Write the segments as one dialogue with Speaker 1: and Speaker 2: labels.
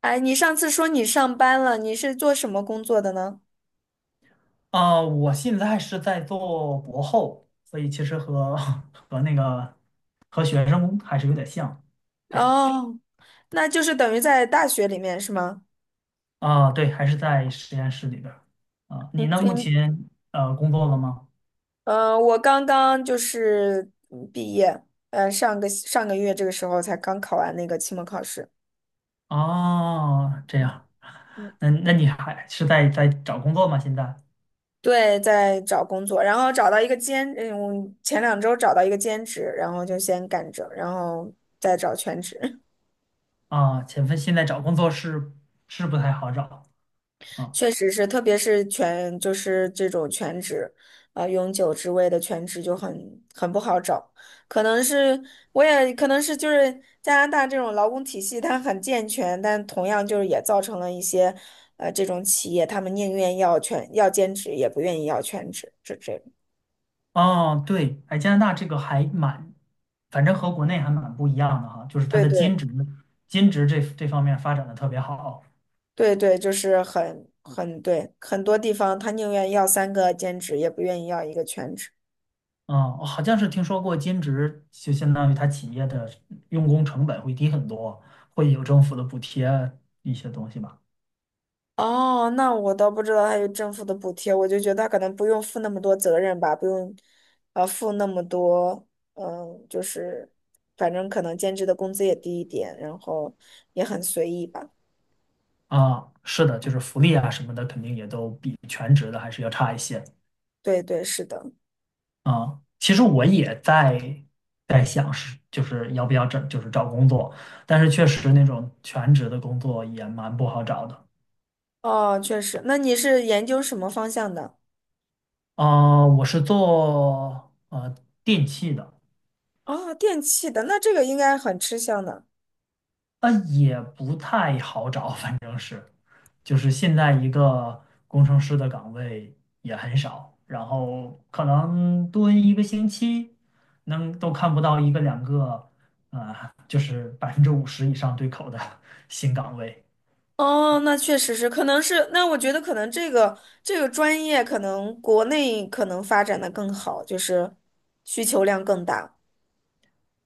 Speaker 1: 哎，你上次说你上班了，你是做什么工作的呢？
Speaker 2: 啊、我现在是在做博后，所以其实和 和那个和学生还是有点像，这样。
Speaker 1: 哦，那就是等于在大学里面是吗？
Speaker 2: 啊、对，还是在实验室里边儿。啊、
Speaker 1: 你
Speaker 2: 你呢？目
Speaker 1: 你
Speaker 2: 前工作了吗？
Speaker 1: 我刚刚就是毕业，上个月这个时候才刚考完那个期末考试。
Speaker 2: 哦，这样，那你还是在找工作吗？现在。
Speaker 1: 对，在找工作，然后找到一个兼，前两周找到一个兼职，然后就先干着，然后再找全职。
Speaker 2: 啊，现在找工作是不太好找啊。
Speaker 1: 确实是，特别是全就是这种全职，啊、永久职位的全职就很不好找。可能是我也可能是就是加拿大这种劳工体系它很健全，但同样就是也造成了一些，这种企业他们宁愿要全要兼职，也不愿意要全职，这种
Speaker 2: 哦，对，哎，加拿大这个还蛮，反正和国内还蛮不一样的哈，就是它
Speaker 1: 对
Speaker 2: 的兼
Speaker 1: 对
Speaker 2: 职，兼职这方面发展的特别好。
Speaker 1: 对对，就是很对，很多地方他宁愿要三个兼职，也不愿意要一个全职。
Speaker 2: 啊，我好像是听说过兼职，就相当于它企业的用工成本会低很多，会有政府的补贴一些东西吧。
Speaker 1: 哦，那我倒不知道还有政府的补贴，我就觉得他可能不用负那么多责任吧，不用，负那么多，就是，反正可能兼职的工资也低一点，然后也很随意吧。
Speaker 2: 啊，是的，就是福利啊什么的，肯定也都比全职的还是要差一些。
Speaker 1: 对对，是的。
Speaker 2: 啊，其实我也在想是就是要不要找就是找工作，但是确实那种全职的工作也蛮不好找的。
Speaker 1: 哦，确实。那你是研究什么方向的？
Speaker 2: 啊，我是做电器的，
Speaker 1: 哦，电器的，那这个应该很吃香的。
Speaker 2: 也不太好找，反正就是现在一个工程师的岗位也很少，然后可能蹲一个星期能都看不到一个两个，啊、就是50%以上对口的 新岗位。
Speaker 1: 哦，那确实是，可能是，那我觉得可能这个专业可能国内可能发展的更好，就是需求量更大。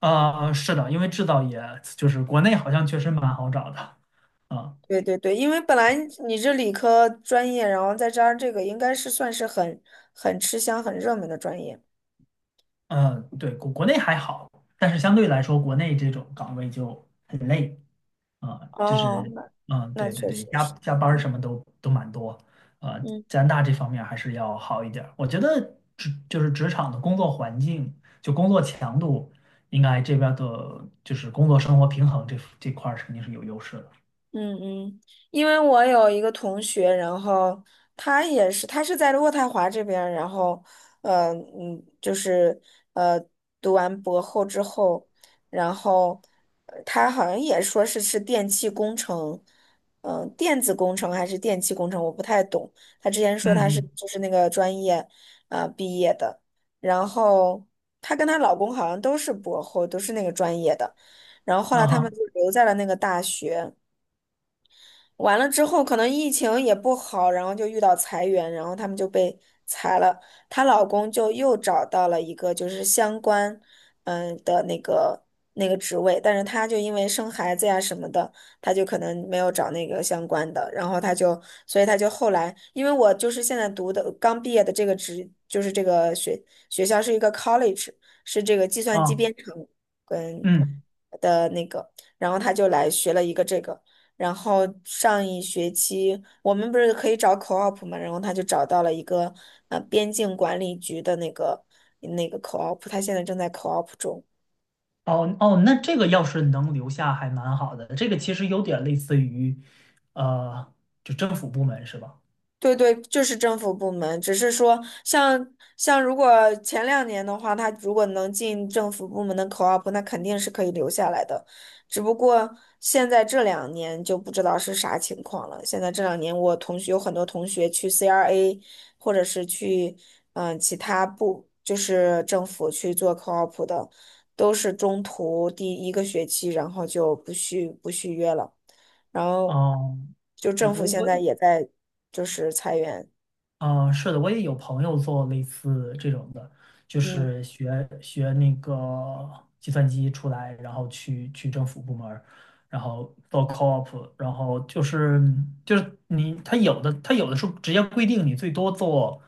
Speaker 2: 啊，是的，因为制造业就是国内好像确实蛮好找的，嗯。
Speaker 1: 对对对，因为本来你这理科专业，然后再加上这个，应该是算是很吃香、很热门的专业。
Speaker 2: 嗯，对，国内还好，但是相对来说，国内这种岗位就很累，啊，就
Speaker 1: 哦，
Speaker 2: 是，
Speaker 1: 那
Speaker 2: 嗯，
Speaker 1: 那
Speaker 2: 对对
Speaker 1: 确实
Speaker 2: 对，加
Speaker 1: 是，
Speaker 2: 加班儿什么都蛮多，啊，
Speaker 1: 嗯。
Speaker 2: 加拿大这方面还是要好一点儿我觉得就是职场的工作环境，就工作强度，应该这边儿的就是工作生活平衡这这块儿肯定是有优势的，
Speaker 1: 嗯嗯，因为我有一个同学，然后他也是，他是在渥太华这边儿然后，就是呃，读完博后之后，然后他好像也说是电气工程，嗯、电子工程还是电气工程，我不太懂。他之前说他是
Speaker 2: 嗯
Speaker 1: 就是那个专业，毕业的，然后她跟她老公好像都是博后，都是那个专业的，然后后
Speaker 2: 嗯，
Speaker 1: 来
Speaker 2: 啊
Speaker 1: 他们
Speaker 2: 哈，
Speaker 1: 就留在了那个大学。完了之后，可能疫情也不好，然后就遇到裁员，然后他们就被裁了。她老公就又找到了一个就是相关，那个那个职位，但是她就因为生孩子呀什么的，她就可能没有找那个相关的，然后她就，所以她就后来，因为我就是现在读的刚毕业的这个职，就是这个学校是一个 college,是这个计算机
Speaker 2: 啊，
Speaker 1: 编程跟
Speaker 2: 嗯。
Speaker 1: 的那个，然后他就来学了一个这个，然后上一学期我们不是可以找 co-op 嘛，然后他就找到了一个边境管理局的那个那个 co-op,他现在正在 co-op 中。
Speaker 2: 哦哦，那这个要是能留下还蛮好的，这个其实有点类似于，呃，就政府部门是吧？
Speaker 1: 对对，就是政府部门，只是说像如果前两年的话，他如果能进政府部门的 co-op,那肯定是可以留下来的。只不过现在这两年就不知道是啥情况了。现在这两年，我同学有很多同学去 CRA,或者是去其他部，就是政府去做 co-op 的，都是中途第一个学期，然后就不续约了。然后
Speaker 2: 哦，
Speaker 1: 就
Speaker 2: 我
Speaker 1: 政府
Speaker 2: 我
Speaker 1: 现在
Speaker 2: 我，
Speaker 1: 也在就是裁员，
Speaker 2: 啊、是的，我也有朋友做类似这种的，就
Speaker 1: 嗯，
Speaker 2: 是学那个计算机出来，然后去政府部门儿然后做 co-op，然后就是你他有的他有的时候直接规定你最多做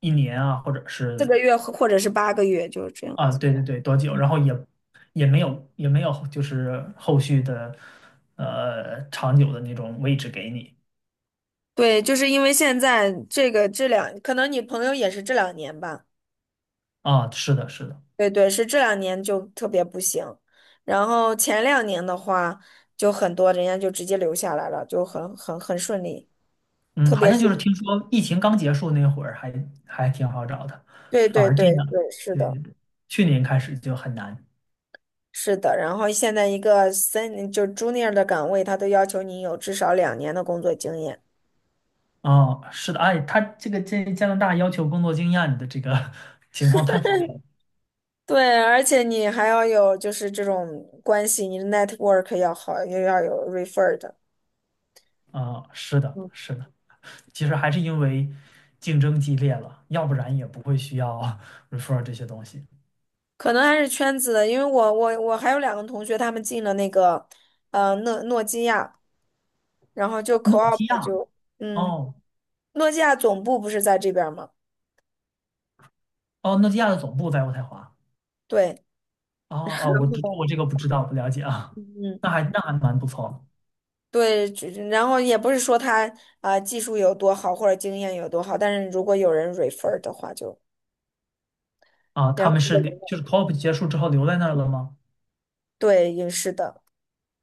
Speaker 2: 一年啊，或者
Speaker 1: 四
Speaker 2: 是
Speaker 1: 个月或者是八个月，就是这样。
Speaker 2: 啊，对对对，多久？然后也没有就是后续的长久的那种位置给你。
Speaker 1: 对，就是因为现在这个这两，可能你朋友也是这两年吧。
Speaker 2: 啊，是的，是的，
Speaker 1: 对对，是这两年就特别不行，然后前两年的话，就很多人家就直接留下来了，就很顺利，
Speaker 2: 嗯，
Speaker 1: 特
Speaker 2: 好
Speaker 1: 别
Speaker 2: 像
Speaker 1: 是
Speaker 2: 就是听说疫情刚结束那会儿还挺好找的，
Speaker 1: 对
Speaker 2: 反
Speaker 1: 对
Speaker 2: 而这
Speaker 1: 对
Speaker 2: 样，
Speaker 1: 对，是
Speaker 2: 对
Speaker 1: 的，
Speaker 2: 对对，去年开始就很难。
Speaker 1: 是的。然后现在一个三就 junior 的岗位，他都要求你有至少两年的工作经验。
Speaker 2: 啊，是的，哎，他这加拿大要求工作经验的这个 情况太普遍了。
Speaker 1: 对，而且你还要有就是这种关系，你的 network 要好，又要有 refer 的，
Speaker 2: 啊，是的，是的，其实还是因为竞争激烈了，要不然也不会需要 refer 这些东西。
Speaker 1: 可能还是圈子的，因为我还有两个同学，他们进了那个诺基亚，然后就
Speaker 2: 诺
Speaker 1: co-op
Speaker 2: 基亚，
Speaker 1: 就嗯，
Speaker 2: 哦
Speaker 1: 诺基亚总部不是在这边儿吗？
Speaker 2: 哦，诺基亚的总部在渥太华。
Speaker 1: 对，
Speaker 2: 哦哦，我这个不知道，不了解啊。
Speaker 1: 嗯，
Speaker 2: 那还蛮不错
Speaker 1: 对，就然后也不是说他啊、技术有多好或者经验有多好，但是如果有人 refer 的话就，
Speaker 2: 的啊。
Speaker 1: 然
Speaker 2: 他
Speaker 1: 后
Speaker 2: 们是就是 COP 结束之后留在那儿了吗？
Speaker 1: 对，也是的。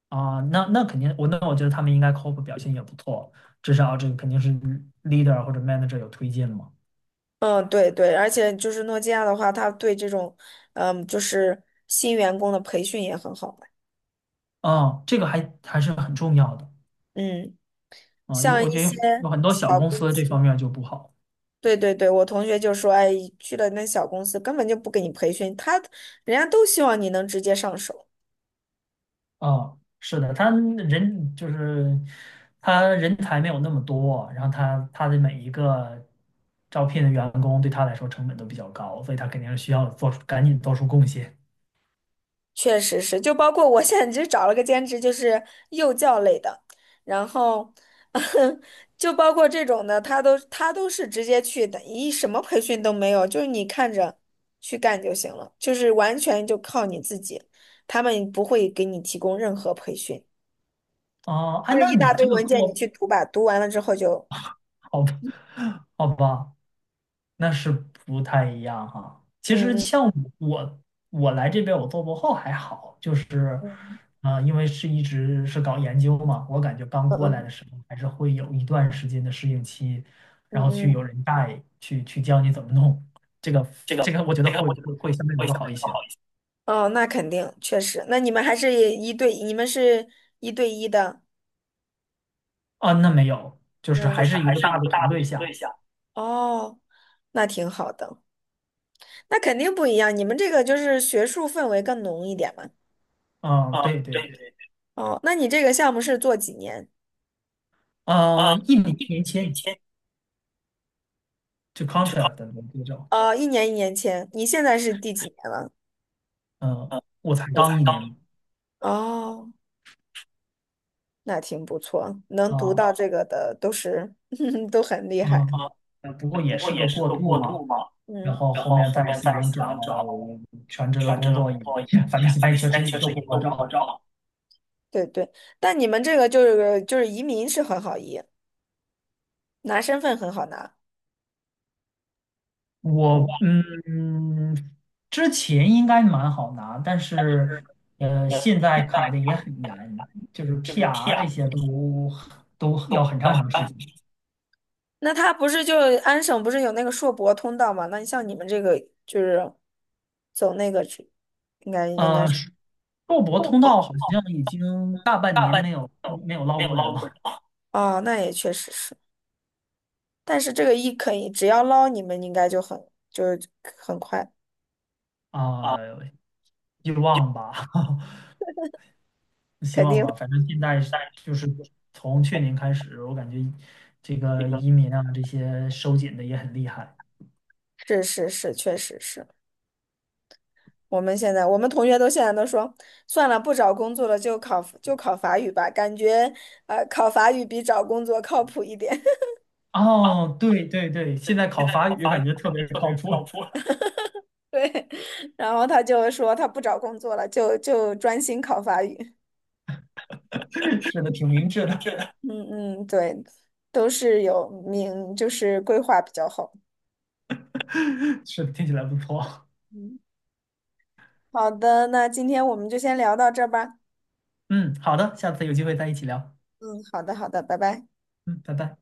Speaker 2: 啊，那肯定，我觉得他们应该 COP 表现也不错，至少这个肯定是 leader 或者 manager 有推进嘛。
Speaker 1: 嗯，对对，而且就是诺基亚的话，它对这种，嗯，就是新员工的培训也很好嘛
Speaker 2: 啊，这个还是很重要的
Speaker 1: 嗯，
Speaker 2: 啊。
Speaker 1: 像
Speaker 2: 我
Speaker 1: 一
Speaker 2: 觉得
Speaker 1: 些
Speaker 2: 有很多小
Speaker 1: 小
Speaker 2: 公
Speaker 1: 公
Speaker 2: 司这
Speaker 1: 司，
Speaker 2: 方面就不好。
Speaker 1: 对对对，我同学就说，哎，去了那小公司根本就不给你培训，他人家都希望你能直接上手。
Speaker 2: 哦，是的，他人才没有那么多，然后他的每一个招聘的员工对他来说成本都比较高，所以他肯定是需要做出赶紧做出贡献。
Speaker 1: 确实是，就包括我现在就找了个兼职，就是幼教类的，然后 就包括这种的，他都是直接去的，一什么培训都没有，就是你看着去干就行了，就是完全就靠你自己，他们不会给你提供任何培训，
Speaker 2: 哦，哎，
Speaker 1: 就是
Speaker 2: 那
Speaker 1: 一大
Speaker 2: 你
Speaker 1: 堆
Speaker 2: 这个
Speaker 1: 文件你
Speaker 2: 过
Speaker 1: 去读吧，读完了之后就
Speaker 2: 好吧，好吧，那是不太一样哈。其
Speaker 1: 嗯
Speaker 2: 实
Speaker 1: 嗯
Speaker 2: 像我，我来这边我做博后还好，就是，
Speaker 1: 嗯
Speaker 2: 啊，因为是一直是搞研究嘛，我感觉刚
Speaker 1: 嗯嗯
Speaker 2: 过来
Speaker 1: 嗯。
Speaker 2: 的时候还是会有一段时间的适应期，
Speaker 1: 嗯
Speaker 2: 然后去有
Speaker 1: 嗯
Speaker 2: 人带，去教你怎么弄，这个
Speaker 1: 这个
Speaker 2: 这个我觉得会
Speaker 1: 我觉得
Speaker 2: 会会相对来
Speaker 1: 会相
Speaker 2: 说
Speaker 1: 对
Speaker 2: 好一
Speaker 1: 来说
Speaker 2: 些。
Speaker 1: 好一些。哦，那肯定，确实。那你们还是一对，你们是一对一的，
Speaker 2: 啊，那没有，就
Speaker 1: 就
Speaker 2: 是
Speaker 1: 嗯，就
Speaker 2: 还
Speaker 1: 是
Speaker 2: 是一
Speaker 1: 还
Speaker 2: 个
Speaker 1: 是
Speaker 2: 大
Speaker 1: 一
Speaker 2: 的
Speaker 1: 个大
Speaker 2: 团
Speaker 1: 的
Speaker 2: 队
Speaker 1: 团
Speaker 2: 下，
Speaker 1: 队下。哦，那挺好的，那肯定不一样。你们这个就是学术氛围更浓一点嘛。
Speaker 2: 嗯，
Speaker 1: 啊、
Speaker 2: 对
Speaker 1: 对
Speaker 2: 对
Speaker 1: 对
Speaker 2: 对，
Speaker 1: 对，哦，那你这个项目是做几年？啊、
Speaker 2: 一年一
Speaker 1: 一年
Speaker 2: 年
Speaker 1: 一
Speaker 2: 签
Speaker 1: 签
Speaker 2: 就
Speaker 1: 就好
Speaker 2: contract 的那种，
Speaker 1: 哦，一年一年签，你现在是第几年了？
Speaker 2: 嗯，
Speaker 1: 嗯、
Speaker 2: 我才
Speaker 1: 我才
Speaker 2: 刚一
Speaker 1: 刚
Speaker 2: 年嘛。
Speaker 1: 哦，那挺不错，能读啊到
Speaker 2: 啊，
Speaker 1: 啊这个的都是 都很厉害。
Speaker 2: 嗯，不过
Speaker 1: 不
Speaker 2: 也
Speaker 1: 过
Speaker 2: 是个
Speaker 1: 也是
Speaker 2: 过
Speaker 1: 个
Speaker 2: 渡
Speaker 1: 过
Speaker 2: 嘛。
Speaker 1: 渡嘛。
Speaker 2: 然
Speaker 1: 嗯
Speaker 2: 后
Speaker 1: 然
Speaker 2: 后
Speaker 1: 后
Speaker 2: 面
Speaker 1: 后
Speaker 2: 再
Speaker 1: 面再
Speaker 2: 想
Speaker 1: 想
Speaker 2: 找
Speaker 1: 找
Speaker 2: 全职的
Speaker 1: 全职
Speaker 2: 工
Speaker 1: 的
Speaker 2: 作也，
Speaker 1: 工作，
Speaker 2: 反正现
Speaker 1: 反
Speaker 2: 在
Speaker 1: 正现
Speaker 2: 确
Speaker 1: 在
Speaker 2: 实
Speaker 1: 确
Speaker 2: 也都
Speaker 1: 实
Speaker 2: 不
Speaker 1: 也
Speaker 2: 好
Speaker 1: 都不好
Speaker 2: 找。
Speaker 1: 找。对对，但你们这个就是移民是很好移，拿身份很好拿。
Speaker 2: 我
Speaker 1: 我
Speaker 2: 之前应该蛮好拿，但是现在
Speaker 1: 现
Speaker 2: 卡
Speaker 1: 在
Speaker 2: 的也很严，就是
Speaker 1: 就是
Speaker 2: PR
Speaker 1: PR
Speaker 2: 这些都
Speaker 1: 都
Speaker 2: 要很长
Speaker 1: 都
Speaker 2: 很
Speaker 1: 还
Speaker 2: 长时
Speaker 1: 办，
Speaker 2: 间。
Speaker 1: 那他不是就安省不是有那个硕博通道吗？那你像你们这个就是走那个去，应该是
Speaker 2: 硕博
Speaker 1: 不
Speaker 2: 通道好像已经大半
Speaker 1: 大
Speaker 2: 年
Speaker 1: 半年
Speaker 2: 没有
Speaker 1: 都
Speaker 2: 没有
Speaker 1: 没
Speaker 2: 捞
Speaker 1: 有
Speaker 2: 过人
Speaker 1: 捞过
Speaker 2: 了。
Speaker 1: 人啊。哦，那也确实是。但是这个一可以，只要捞你们应该就很就是很快，
Speaker 2: 啊，
Speaker 1: 啊，
Speaker 2: 希
Speaker 1: 就
Speaker 2: 望吧。希
Speaker 1: 肯
Speaker 2: 望
Speaker 1: 定
Speaker 2: 吧，反正现在是
Speaker 1: 但是
Speaker 2: 就是
Speaker 1: 就是
Speaker 2: 从去
Speaker 1: 哦
Speaker 2: 年开始，我感觉这
Speaker 1: 这
Speaker 2: 个
Speaker 1: 个
Speaker 2: 移民啊这些收紧的也很厉害。
Speaker 1: 是是是，确实是。我们现在我们同学都现在都说，算了，不找工作了，就考法语吧，感觉考法语比找工作靠谱一点。啊，
Speaker 2: 哦，对对对，现
Speaker 1: 对，
Speaker 2: 在
Speaker 1: 现
Speaker 2: 考
Speaker 1: 在
Speaker 2: 法
Speaker 1: 考
Speaker 2: 语
Speaker 1: 法语
Speaker 2: 感觉特
Speaker 1: 感觉
Speaker 2: 别
Speaker 1: 特
Speaker 2: 靠
Speaker 1: 别靠
Speaker 2: 谱，
Speaker 1: 谱。对，然后他就说他不找工作了，就专心考法语。
Speaker 2: 是的，挺明智的，
Speaker 1: 是的嗯嗯，对，都是有名，就是规划比较好。
Speaker 2: 是的，听起来不错。
Speaker 1: 嗯好的，那今天我们就先聊到这儿吧。
Speaker 2: 嗯，好的，下次有机会再一起聊。
Speaker 1: 嗯，好的，好的，拜拜。
Speaker 2: 嗯，拜拜。